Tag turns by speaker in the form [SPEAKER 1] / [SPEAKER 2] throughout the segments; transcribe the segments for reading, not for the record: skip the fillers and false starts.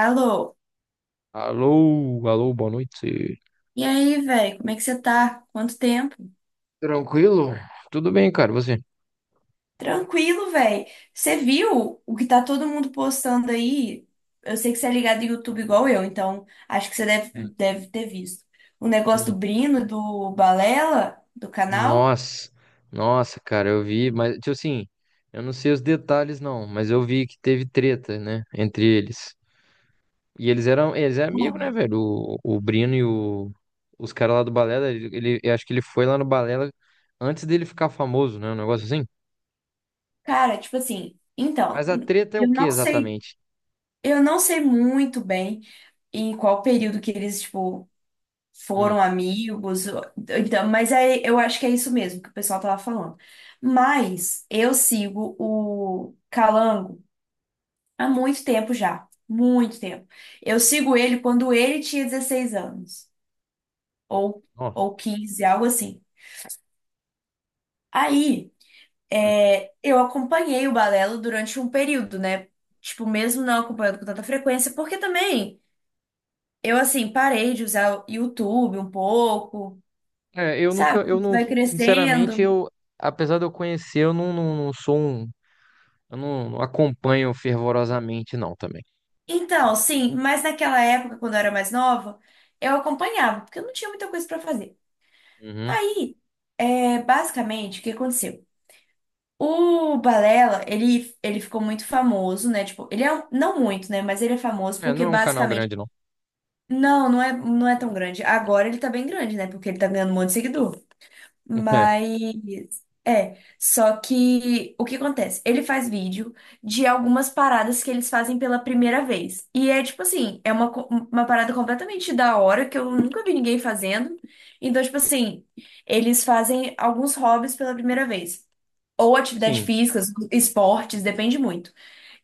[SPEAKER 1] Alô?
[SPEAKER 2] Alô, alô, boa noite.
[SPEAKER 1] E aí, velho? Como é que você tá? Quanto tempo?
[SPEAKER 2] Tranquilo? Tudo bem, cara, você?
[SPEAKER 1] Tranquilo, velho. Você viu o que tá todo mundo postando aí? Eu sei que você é ligado em YouTube igual eu, então acho que você deve,
[SPEAKER 2] Hum,
[SPEAKER 1] deve ter visto. O negócio do
[SPEAKER 2] hum.
[SPEAKER 1] Brino, do Balela, do canal.
[SPEAKER 2] Nossa, nossa, cara, eu vi, mas, tipo assim, eu não sei os detalhes não, mas eu vi que teve treta, né, entre eles. E eles eram amigos, né,
[SPEAKER 1] Mano,
[SPEAKER 2] velho? O Brino e o, os caras lá do Balela, eu acho que ele foi lá no Balela antes dele ficar famoso, né, um negócio assim.
[SPEAKER 1] cara, tipo assim, então,
[SPEAKER 2] Mas a treta é o
[SPEAKER 1] eu
[SPEAKER 2] que
[SPEAKER 1] não sei,
[SPEAKER 2] exatamente?
[SPEAKER 1] eu não sei muito bem em qual período que eles, tipo,
[SPEAKER 2] Hum,
[SPEAKER 1] foram amigos, então, mas é, eu acho que é isso mesmo que o pessoal tava falando. Mas eu sigo o Calango há muito tempo já, muito tempo. Eu sigo ele quando ele tinha 16 anos, ou,
[SPEAKER 2] ó.
[SPEAKER 1] ou 15 algo assim. Aí, é, eu acompanhei o Balelo durante um período, né? Tipo, mesmo não acompanhando com tanta frequência, porque também eu, assim, parei de usar o YouTube um pouco,
[SPEAKER 2] É, eu nunca,
[SPEAKER 1] sabe?
[SPEAKER 2] eu
[SPEAKER 1] Você
[SPEAKER 2] não,
[SPEAKER 1] vai
[SPEAKER 2] sinceramente,
[SPEAKER 1] crescendo.
[SPEAKER 2] eu, apesar de eu conhecer, eu não, não, não sou um, eu não, não acompanho fervorosamente, não, também.
[SPEAKER 1] Então, sim, mas naquela época, quando eu era mais nova, eu acompanhava, porque eu não tinha muita coisa pra fazer.
[SPEAKER 2] Uhum.
[SPEAKER 1] Aí, é, basicamente, o que aconteceu? O Balela, ele ficou muito famoso, né? Tipo, ele é, não muito, né? Mas ele é famoso
[SPEAKER 2] É, não
[SPEAKER 1] porque,
[SPEAKER 2] é um canal
[SPEAKER 1] basicamente,
[SPEAKER 2] grande, não.
[SPEAKER 1] não, não é tão grande. Agora ele tá bem grande, né? Porque ele tá ganhando um monte de seguidor.
[SPEAKER 2] É,
[SPEAKER 1] Mas é, só que o que acontece? Ele faz vídeo de algumas paradas que eles fazem pela primeira vez. E é tipo assim, é uma parada completamente da hora que eu nunca vi ninguém fazendo. Então, tipo assim, eles fazem alguns hobbies pela primeira vez. Ou atividade
[SPEAKER 2] sim.
[SPEAKER 1] física, esportes, depende muito.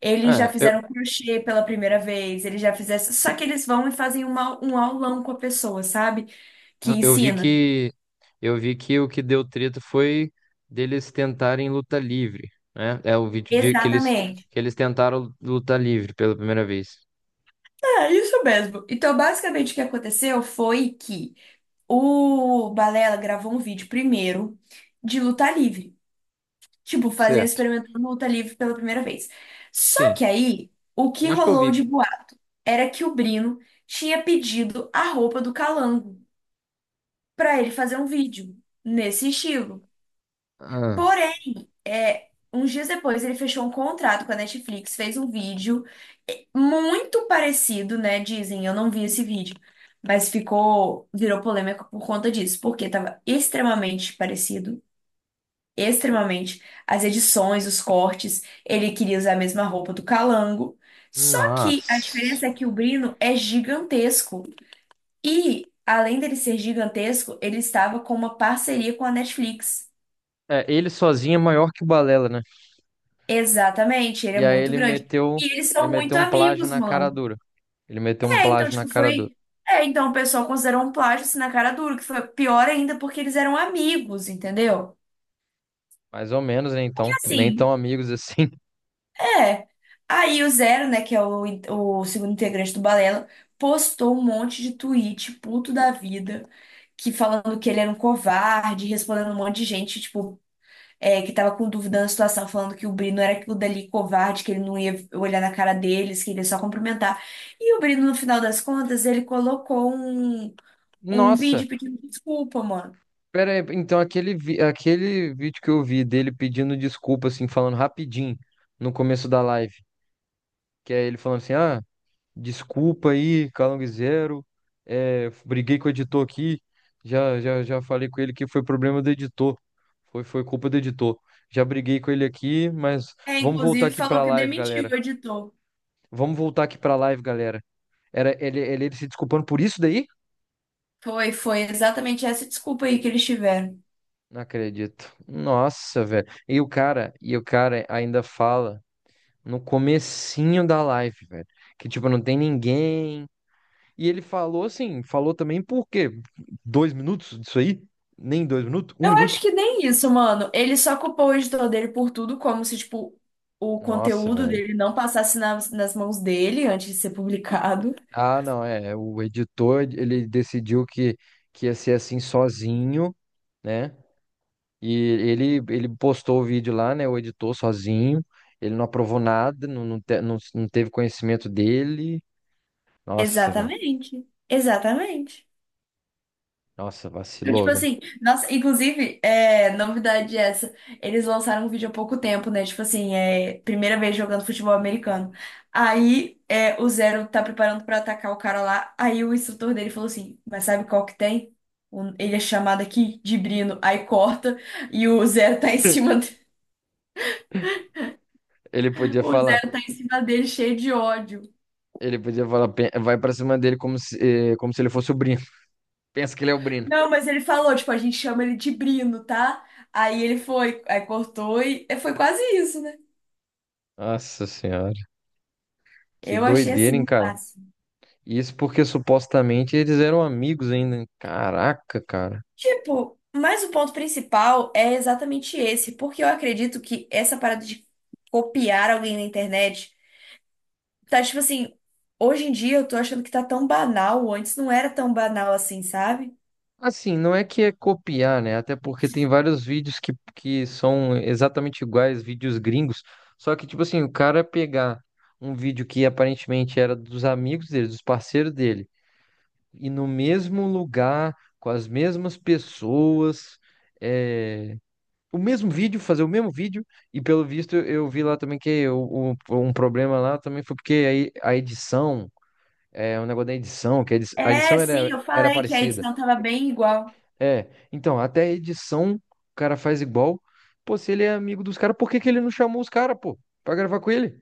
[SPEAKER 1] Eles já
[SPEAKER 2] É, eu,
[SPEAKER 1] fizeram crochê pela primeira vez, eles já fizeram. Só que eles vão e fazem um aulão com a pessoa, sabe? Que
[SPEAKER 2] eu vi
[SPEAKER 1] ensina.
[SPEAKER 2] que, eu vi que o que deu treta foi deles tentarem luta livre, né? É o vídeo de que
[SPEAKER 1] Exatamente.
[SPEAKER 2] que eles tentaram luta livre pela primeira vez.
[SPEAKER 1] É isso mesmo. Então, basicamente, o que aconteceu foi que o Balela gravou um vídeo primeiro de luta livre. Tipo, fazer
[SPEAKER 2] Certo.
[SPEAKER 1] experimentando luta livre pela primeira vez. Só que
[SPEAKER 2] Sim.
[SPEAKER 1] aí, o que
[SPEAKER 2] Eu acho que eu
[SPEAKER 1] rolou
[SPEAKER 2] vi.
[SPEAKER 1] de boato era que o Brino tinha pedido a roupa do Calango pra ele fazer um vídeo nesse estilo.
[SPEAKER 2] Ah,
[SPEAKER 1] É, uns dias depois ele fechou um contrato com a Netflix, fez um vídeo muito parecido, né? Dizem, eu não vi esse vídeo, mas virou polêmica por conta disso, porque tava extremamente parecido, extremamente. As edições, os cortes, ele queria usar a mesma roupa do Calango. Só que a
[SPEAKER 2] nossa.
[SPEAKER 1] diferença é que o Brino é gigantesco e, além dele ser gigantesco, ele estava com uma parceria com a Netflix.
[SPEAKER 2] É, ele sozinho é maior que o Balela, né?
[SPEAKER 1] Exatamente, ele é
[SPEAKER 2] E aí
[SPEAKER 1] muito
[SPEAKER 2] ele
[SPEAKER 1] grande.
[SPEAKER 2] meteu,
[SPEAKER 1] E eles
[SPEAKER 2] ele
[SPEAKER 1] são muito
[SPEAKER 2] meteu um plágio
[SPEAKER 1] amigos,
[SPEAKER 2] na cara
[SPEAKER 1] mano.
[SPEAKER 2] dura. Ele meteu um
[SPEAKER 1] É, então,
[SPEAKER 2] plágio na
[SPEAKER 1] tipo,
[SPEAKER 2] cara dura.
[SPEAKER 1] foi. É, então o pessoal considerou um plágio assim na cara dura, que foi pior ainda porque eles eram amigos, entendeu?
[SPEAKER 2] Mais ou menos, né?
[SPEAKER 1] E
[SPEAKER 2] Então, nem
[SPEAKER 1] assim,
[SPEAKER 2] tão amigos assim.
[SPEAKER 1] é. Aí o Zero, né, que é o segundo integrante do Balela, postou um monte de tweet, puto da vida, que falando que ele era um covarde, respondendo um monte de gente, tipo, que tava com dúvida na situação, falando que o Brino era o dali covarde, que ele não ia olhar na cara deles, que ele ia só cumprimentar. E o Brino, no final das contas, ele colocou um
[SPEAKER 2] Nossa,
[SPEAKER 1] vídeo pedindo desculpa, mano.
[SPEAKER 2] pera aí. Então, aquele vídeo que eu vi dele pedindo desculpa, assim, falando rapidinho no começo da live, que é ele falando assim: ah, desculpa aí, Calangzeiro, é, briguei com o editor aqui, já falei com ele que foi problema do editor, foi culpa do editor. Já briguei com ele aqui, mas
[SPEAKER 1] É,
[SPEAKER 2] vamos voltar
[SPEAKER 1] inclusive
[SPEAKER 2] aqui
[SPEAKER 1] falou
[SPEAKER 2] pra
[SPEAKER 1] que
[SPEAKER 2] live,
[SPEAKER 1] demitiu
[SPEAKER 2] galera.
[SPEAKER 1] o editor.
[SPEAKER 2] Vamos voltar aqui pra live, galera. Era ele se desculpando por isso daí?
[SPEAKER 1] Foi exatamente essa desculpa aí que eles tiveram.
[SPEAKER 2] Não acredito. Nossa, velho. E o cara ainda fala no comecinho da live, velho, que tipo não tem ninguém. E ele falou assim, falou também por quê? Dois minutos disso aí? Nem dois minutos? Um
[SPEAKER 1] Eu acho
[SPEAKER 2] minuto?
[SPEAKER 1] que nem isso, mano. Ele só culpou o editor dele por tudo, como se, tipo, o
[SPEAKER 2] Nossa,
[SPEAKER 1] conteúdo
[SPEAKER 2] velho.
[SPEAKER 1] dele não passasse nas mãos dele antes de ser publicado.
[SPEAKER 2] Ah, não, é. O editor, ele decidiu que ia ser assim sozinho, né? E ele postou o vídeo lá, né? O editor sozinho. Ele não aprovou nada, não teve conhecimento dele. Nossa, mano,
[SPEAKER 1] Exatamente. Exatamente.
[SPEAKER 2] nossa, vacilou,
[SPEAKER 1] Tipo
[SPEAKER 2] velho.
[SPEAKER 1] assim, nossa, inclusive, novidade essa, eles lançaram um vídeo há pouco tempo, né? Tipo assim, é primeira vez jogando futebol americano. Aí o Zero tá preparando pra atacar o cara lá, aí o instrutor dele falou assim, mas sabe qual que tem? Ele é chamado aqui de Brino, aí corta e o Zero tá em cima,
[SPEAKER 2] Ele podia
[SPEAKER 1] o
[SPEAKER 2] falar,
[SPEAKER 1] Zero tá em cima dele cheio de ódio.
[SPEAKER 2] ele podia falar, "Pe- vai pra cima dele como se, como se ele fosse o Brino. Pensa que ele é o Brino.
[SPEAKER 1] Não, mas ele falou, tipo, a gente chama ele de Brino, tá? Aí ele foi, aí cortou e foi quase isso, né?
[SPEAKER 2] Nossa senhora, que
[SPEAKER 1] Eu achei
[SPEAKER 2] doideira,
[SPEAKER 1] assim
[SPEAKER 2] hein,
[SPEAKER 1] um
[SPEAKER 2] cara?
[SPEAKER 1] passe.
[SPEAKER 2] Isso porque supostamente eles eram amigos ainda. Caraca, cara.
[SPEAKER 1] Tipo, mas o ponto principal é exatamente esse, porque eu acredito que essa parada de copiar alguém na internet tá tipo assim, hoje em dia eu tô achando que tá tão banal, antes não era tão banal assim, sabe?
[SPEAKER 2] Assim, não é que é copiar, né? Até porque tem vários vídeos que são exatamente iguais, vídeos gringos. Só que, tipo assim, o cara pegar um vídeo que aparentemente era dos amigos dele, dos parceiros dele, e no mesmo lugar, com as mesmas pessoas, é, o mesmo vídeo, fazer o mesmo vídeo, e pelo visto eu vi lá também que um problema lá também foi porque aí a edição, é, o negócio da edição, que a a
[SPEAKER 1] É,
[SPEAKER 2] edição
[SPEAKER 1] sim,
[SPEAKER 2] era,
[SPEAKER 1] eu
[SPEAKER 2] era
[SPEAKER 1] falei que a
[SPEAKER 2] parecida.
[SPEAKER 1] edição tava bem igual.
[SPEAKER 2] É, então, até a edição o cara faz igual. Pô, se ele é amigo dos caras, por que que ele não chamou os caras, pô, pra gravar com ele?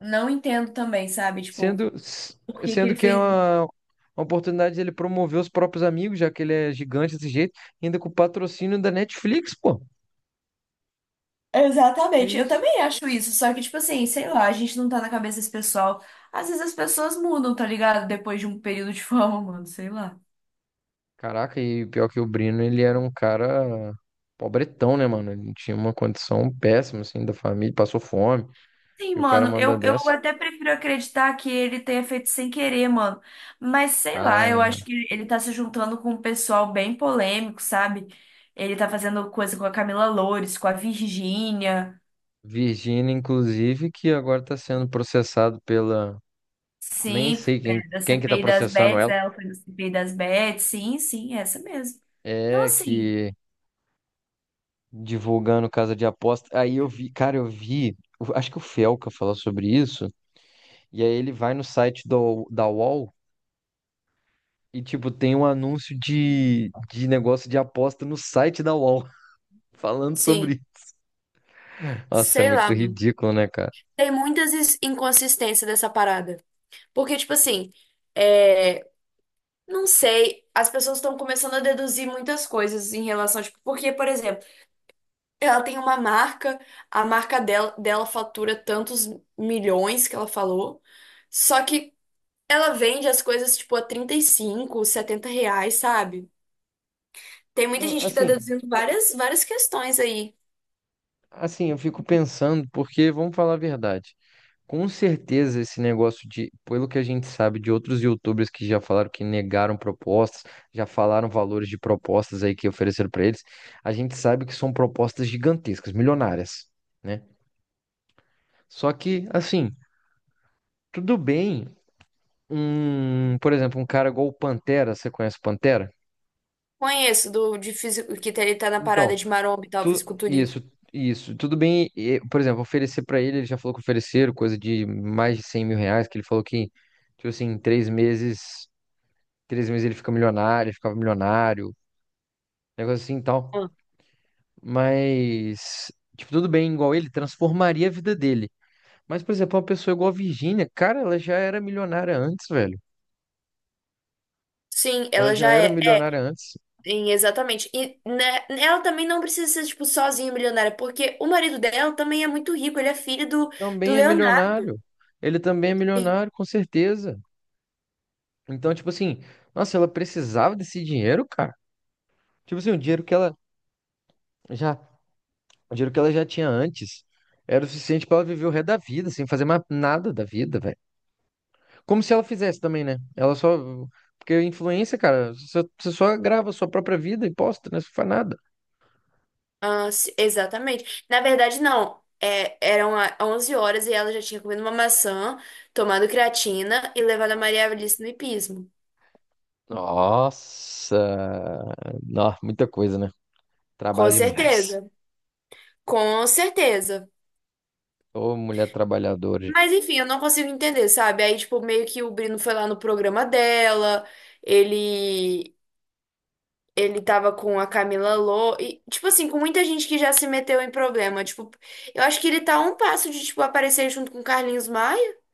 [SPEAKER 1] Não entendo também, sabe? Tipo,
[SPEAKER 2] Sendo, s-
[SPEAKER 1] por que que ele
[SPEAKER 2] sendo que é
[SPEAKER 1] fez isso?
[SPEAKER 2] uma oportunidade dele promover os próprios amigos, já que ele é gigante desse jeito, ainda com o patrocínio da Netflix, pô. Que
[SPEAKER 1] Exatamente, eu
[SPEAKER 2] isso?
[SPEAKER 1] também acho isso, só que tipo assim, sei lá, a gente não tá na cabeça desse pessoal. Às vezes as pessoas mudam, tá ligado? Depois de um período de fama, mano, sei lá.
[SPEAKER 2] Caraca, e pior que o Brino, ele era um cara pobretão, né, mano? Ele tinha uma condição péssima, assim, da família, passou fome,
[SPEAKER 1] Sim,
[SPEAKER 2] e o cara
[SPEAKER 1] mano,
[SPEAKER 2] manda
[SPEAKER 1] eu
[SPEAKER 2] dessa.
[SPEAKER 1] até prefiro acreditar que ele tenha feito sem querer, mano. Mas sei lá, eu
[SPEAKER 2] Ah,
[SPEAKER 1] acho que ele tá se juntando com um pessoal bem polêmico, sabe? Ele tá fazendo coisa com a Camila Loures, com a Virgínia,
[SPEAKER 2] Virgínia, inclusive, que agora está sendo processado pela. Nem
[SPEAKER 1] sim,
[SPEAKER 2] sei
[SPEAKER 1] é, da
[SPEAKER 2] quem que tá
[SPEAKER 1] CPI das
[SPEAKER 2] processando
[SPEAKER 1] Bets,
[SPEAKER 2] ela.
[SPEAKER 1] né? Ela foi da CPI das Bets, sim, sim, é essa mesmo. Então,
[SPEAKER 2] É,
[SPEAKER 1] assim,
[SPEAKER 2] que divulgando casa de aposta. Aí eu vi, cara, eu vi. Eu acho que o Felca falou sobre isso. E aí ele vai no site da UOL e, tipo, tem um anúncio de negócio de aposta no site da UOL falando
[SPEAKER 1] sim,
[SPEAKER 2] sobre. Nossa, é
[SPEAKER 1] sei
[SPEAKER 2] muito
[SPEAKER 1] lá, mano.
[SPEAKER 2] ridículo, né, cara?
[SPEAKER 1] Tem muitas inconsistências dessa parada. Porque, tipo assim, não sei, as pessoas estão começando a deduzir muitas coisas em relação, tipo, porque, por exemplo, ela tem uma marca, a marca dela fatura tantos milhões que ela falou, só que ela vende as coisas, tipo, a 35, 70 reais, sabe? Tem muita
[SPEAKER 2] Não,
[SPEAKER 1] gente que tá deduzindo várias, várias questões aí.
[SPEAKER 2] eu fico pensando, porque vamos falar a verdade. Com certeza, esse negócio de, pelo que a gente sabe de outros YouTubers que já falaram que negaram propostas, já falaram valores de propostas aí que ofereceram para eles, a gente sabe que são propostas gigantescas, milionárias, né? Só que, assim, tudo bem, um, por exemplo, um cara igual o Pantera, você conhece o Pantera?
[SPEAKER 1] Conheço do de físico, que ele tá na parada
[SPEAKER 2] Então,
[SPEAKER 1] de maromba e tal,
[SPEAKER 2] tu,
[SPEAKER 1] fisiculturismo.
[SPEAKER 2] isso, tudo bem, e, por exemplo, oferecer para ele, ele já falou que ofereceram coisa de mais de R$ 100.000, que ele falou que, tipo assim, em três meses. Três meses ele fica milionário, ficava milionário, negócio assim e tal.
[SPEAKER 1] Ah,
[SPEAKER 2] Mas, tipo, tudo bem, igual ele, transformaria a vida dele. Mas, por exemplo, uma pessoa igual a Virgínia, cara, ela já era milionária antes, velho.
[SPEAKER 1] sim,
[SPEAKER 2] Ela
[SPEAKER 1] ela
[SPEAKER 2] já
[SPEAKER 1] já
[SPEAKER 2] era
[SPEAKER 1] é.
[SPEAKER 2] milionária antes.
[SPEAKER 1] Sim, exatamente. E né, ela também não precisa ser, tipo, sozinha milionária, porque o marido dela também é muito rico, ele é filho do
[SPEAKER 2] Também é
[SPEAKER 1] Leonardo.
[SPEAKER 2] milionário. Ele também é
[SPEAKER 1] Sim.
[SPEAKER 2] milionário, com certeza. Então, tipo assim, nossa, ela precisava desse dinheiro, cara. Tipo assim, já, o dinheiro que ela já tinha antes era o suficiente pra ela viver o resto da vida, sem fazer mais nada da vida, velho. Como se ela fizesse também, né? Ela só. Porque influência, cara, você só grava a sua própria vida e posta, né? Você não faz nada.
[SPEAKER 1] Ah, sim, exatamente. Na verdade, não. É, eram 11 horas e ela já tinha comido uma maçã, tomado creatina e levado a Maria Alice no hipismo.
[SPEAKER 2] Nossa! Nó, muita coisa, né?
[SPEAKER 1] Com
[SPEAKER 2] Trabalha demais.
[SPEAKER 1] certeza. Com certeza.
[SPEAKER 2] Ô, mulher trabalhadora. Gente.
[SPEAKER 1] Mas enfim, eu não consigo entender, sabe? Aí, tipo, meio que o Brino foi lá no programa dela, ele Ele tava com a Camila Lô e, tipo assim, com muita gente que já se meteu em problema. Tipo, eu acho que ele tá a um passo de, tipo, aparecer junto com o Carlinhos Maia.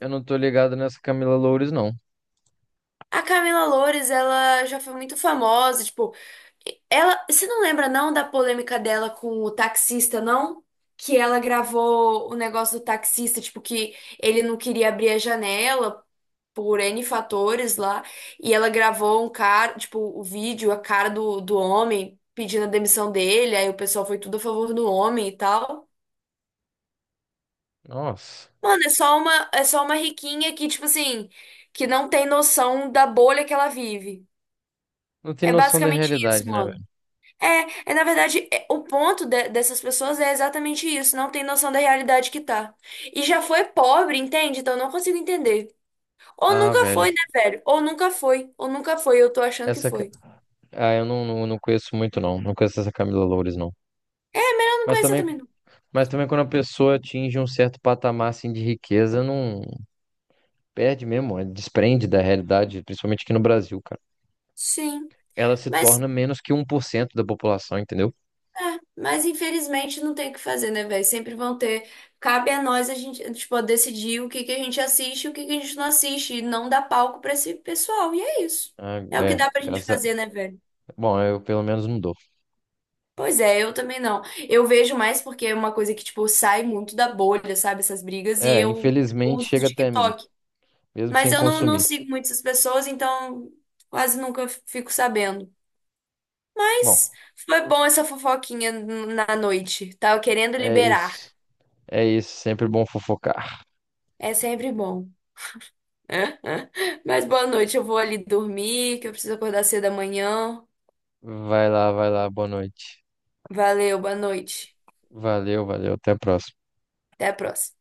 [SPEAKER 2] Eu não tô ligado nessa Camila Loures, não.
[SPEAKER 1] A Camila Loures, ela já foi muito famosa, tipo, você não lembra não da polêmica dela com o taxista, não? Que ela gravou o negócio do taxista, tipo, que ele não queria abrir a janela por N fatores lá, e ela gravou um cara, tipo, o vídeo, a cara do homem pedindo a demissão dele, aí o pessoal foi tudo a favor do homem e tal.
[SPEAKER 2] Nossa.
[SPEAKER 1] Mano, é só uma riquinha que, tipo assim, que não tem noção da bolha que ela vive.
[SPEAKER 2] Não tem
[SPEAKER 1] É
[SPEAKER 2] noção da
[SPEAKER 1] basicamente isso,
[SPEAKER 2] realidade, né,
[SPEAKER 1] mano.
[SPEAKER 2] velho?
[SPEAKER 1] É na verdade, o ponto dessas pessoas é exatamente isso, não tem noção da realidade que tá. E já foi pobre, entende? Então eu não consigo entender. Ou
[SPEAKER 2] Ah,
[SPEAKER 1] nunca
[SPEAKER 2] velho.
[SPEAKER 1] foi, né, velho? Ou nunca foi, eu tô achando que
[SPEAKER 2] Essa. Ca-
[SPEAKER 1] foi.
[SPEAKER 2] ah, eu não, não, não conheço muito, não. Não conheço essa Camila Loures, não.
[SPEAKER 1] Não
[SPEAKER 2] Mas
[SPEAKER 1] conhecia
[SPEAKER 2] também,
[SPEAKER 1] também não.
[SPEAKER 2] mas também quando a pessoa atinge um certo patamar, assim, de riqueza, não. Perde mesmo, é, desprende da realidade, principalmente aqui no Brasil, cara.
[SPEAKER 1] Sim,
[SPEAKER 2] Ela se
[SPEAKER 1] mas,
[SPEAKER 2] torna menos que 1% da população, entendeu?
[SPEAKER 1] mas infelizmente não tem o que fazer, né, velho? Sempre vão ter. Cabe a nós a gente, tipo, decidir o que que a gente assiste e o que que a gente não assiste. E não dar palco pra esse pessoal. E é isso.
[SPEAKER 2] Ah,
[SPEAKER 1] É o que
[SPEAKER 2] é,
[SPEAKER 1] dá pra gente
[SPEAKER 2] graças a...
[SPEAKER 1] fazer, né, velho?
[SPEAKER 2] Bom, eu pelo menos não dou.
[SPEAKER 1] Pois é, eu também não. Eu vejo mais porque é uma coisa que, tipo, sai muito da bolha, sabe? Essas brigas. E
[SPEAKER 2] É,
[SPEAKER 1] eu
[SPEAKER 2] infelizmente
[SPEAKER 1] uso o
[SPEAKER 2] chega até mim,
[SPEAKER 1] TikTok.
[SPEAKER 2] mesmo
[SPEAKER 1] Mas
[SPEAKER 2] sem
[SPEAKER 1] eu não
[SPEAKER 2] consumir.
[SPEAKER 1] sigo muito essas pessoas, então quase nunca fico sabendo. Mas
[SPEAKER 2] Bom,
[SPEAKER 1] foi bom essa fofoquinha na noite. Tava querendo
[SPEAKER 2] é
[SPEAKER 1] liberar.
[SPEAKER 2] isso. É isso, sempre bom fofocar.
[SPEAKER 1] É sempre bom. Mas boa noite, eu vou ali dormir, que eu preciso acordar cedo amanhã.
[SPEAKER 2] Vai lá, boa noite.
[SPEAKER 1] Valeu, boa noite.
[SPEAKER 2] Valeu, valeu, até a próxima.
[SPEAKER 1] Até a próxima.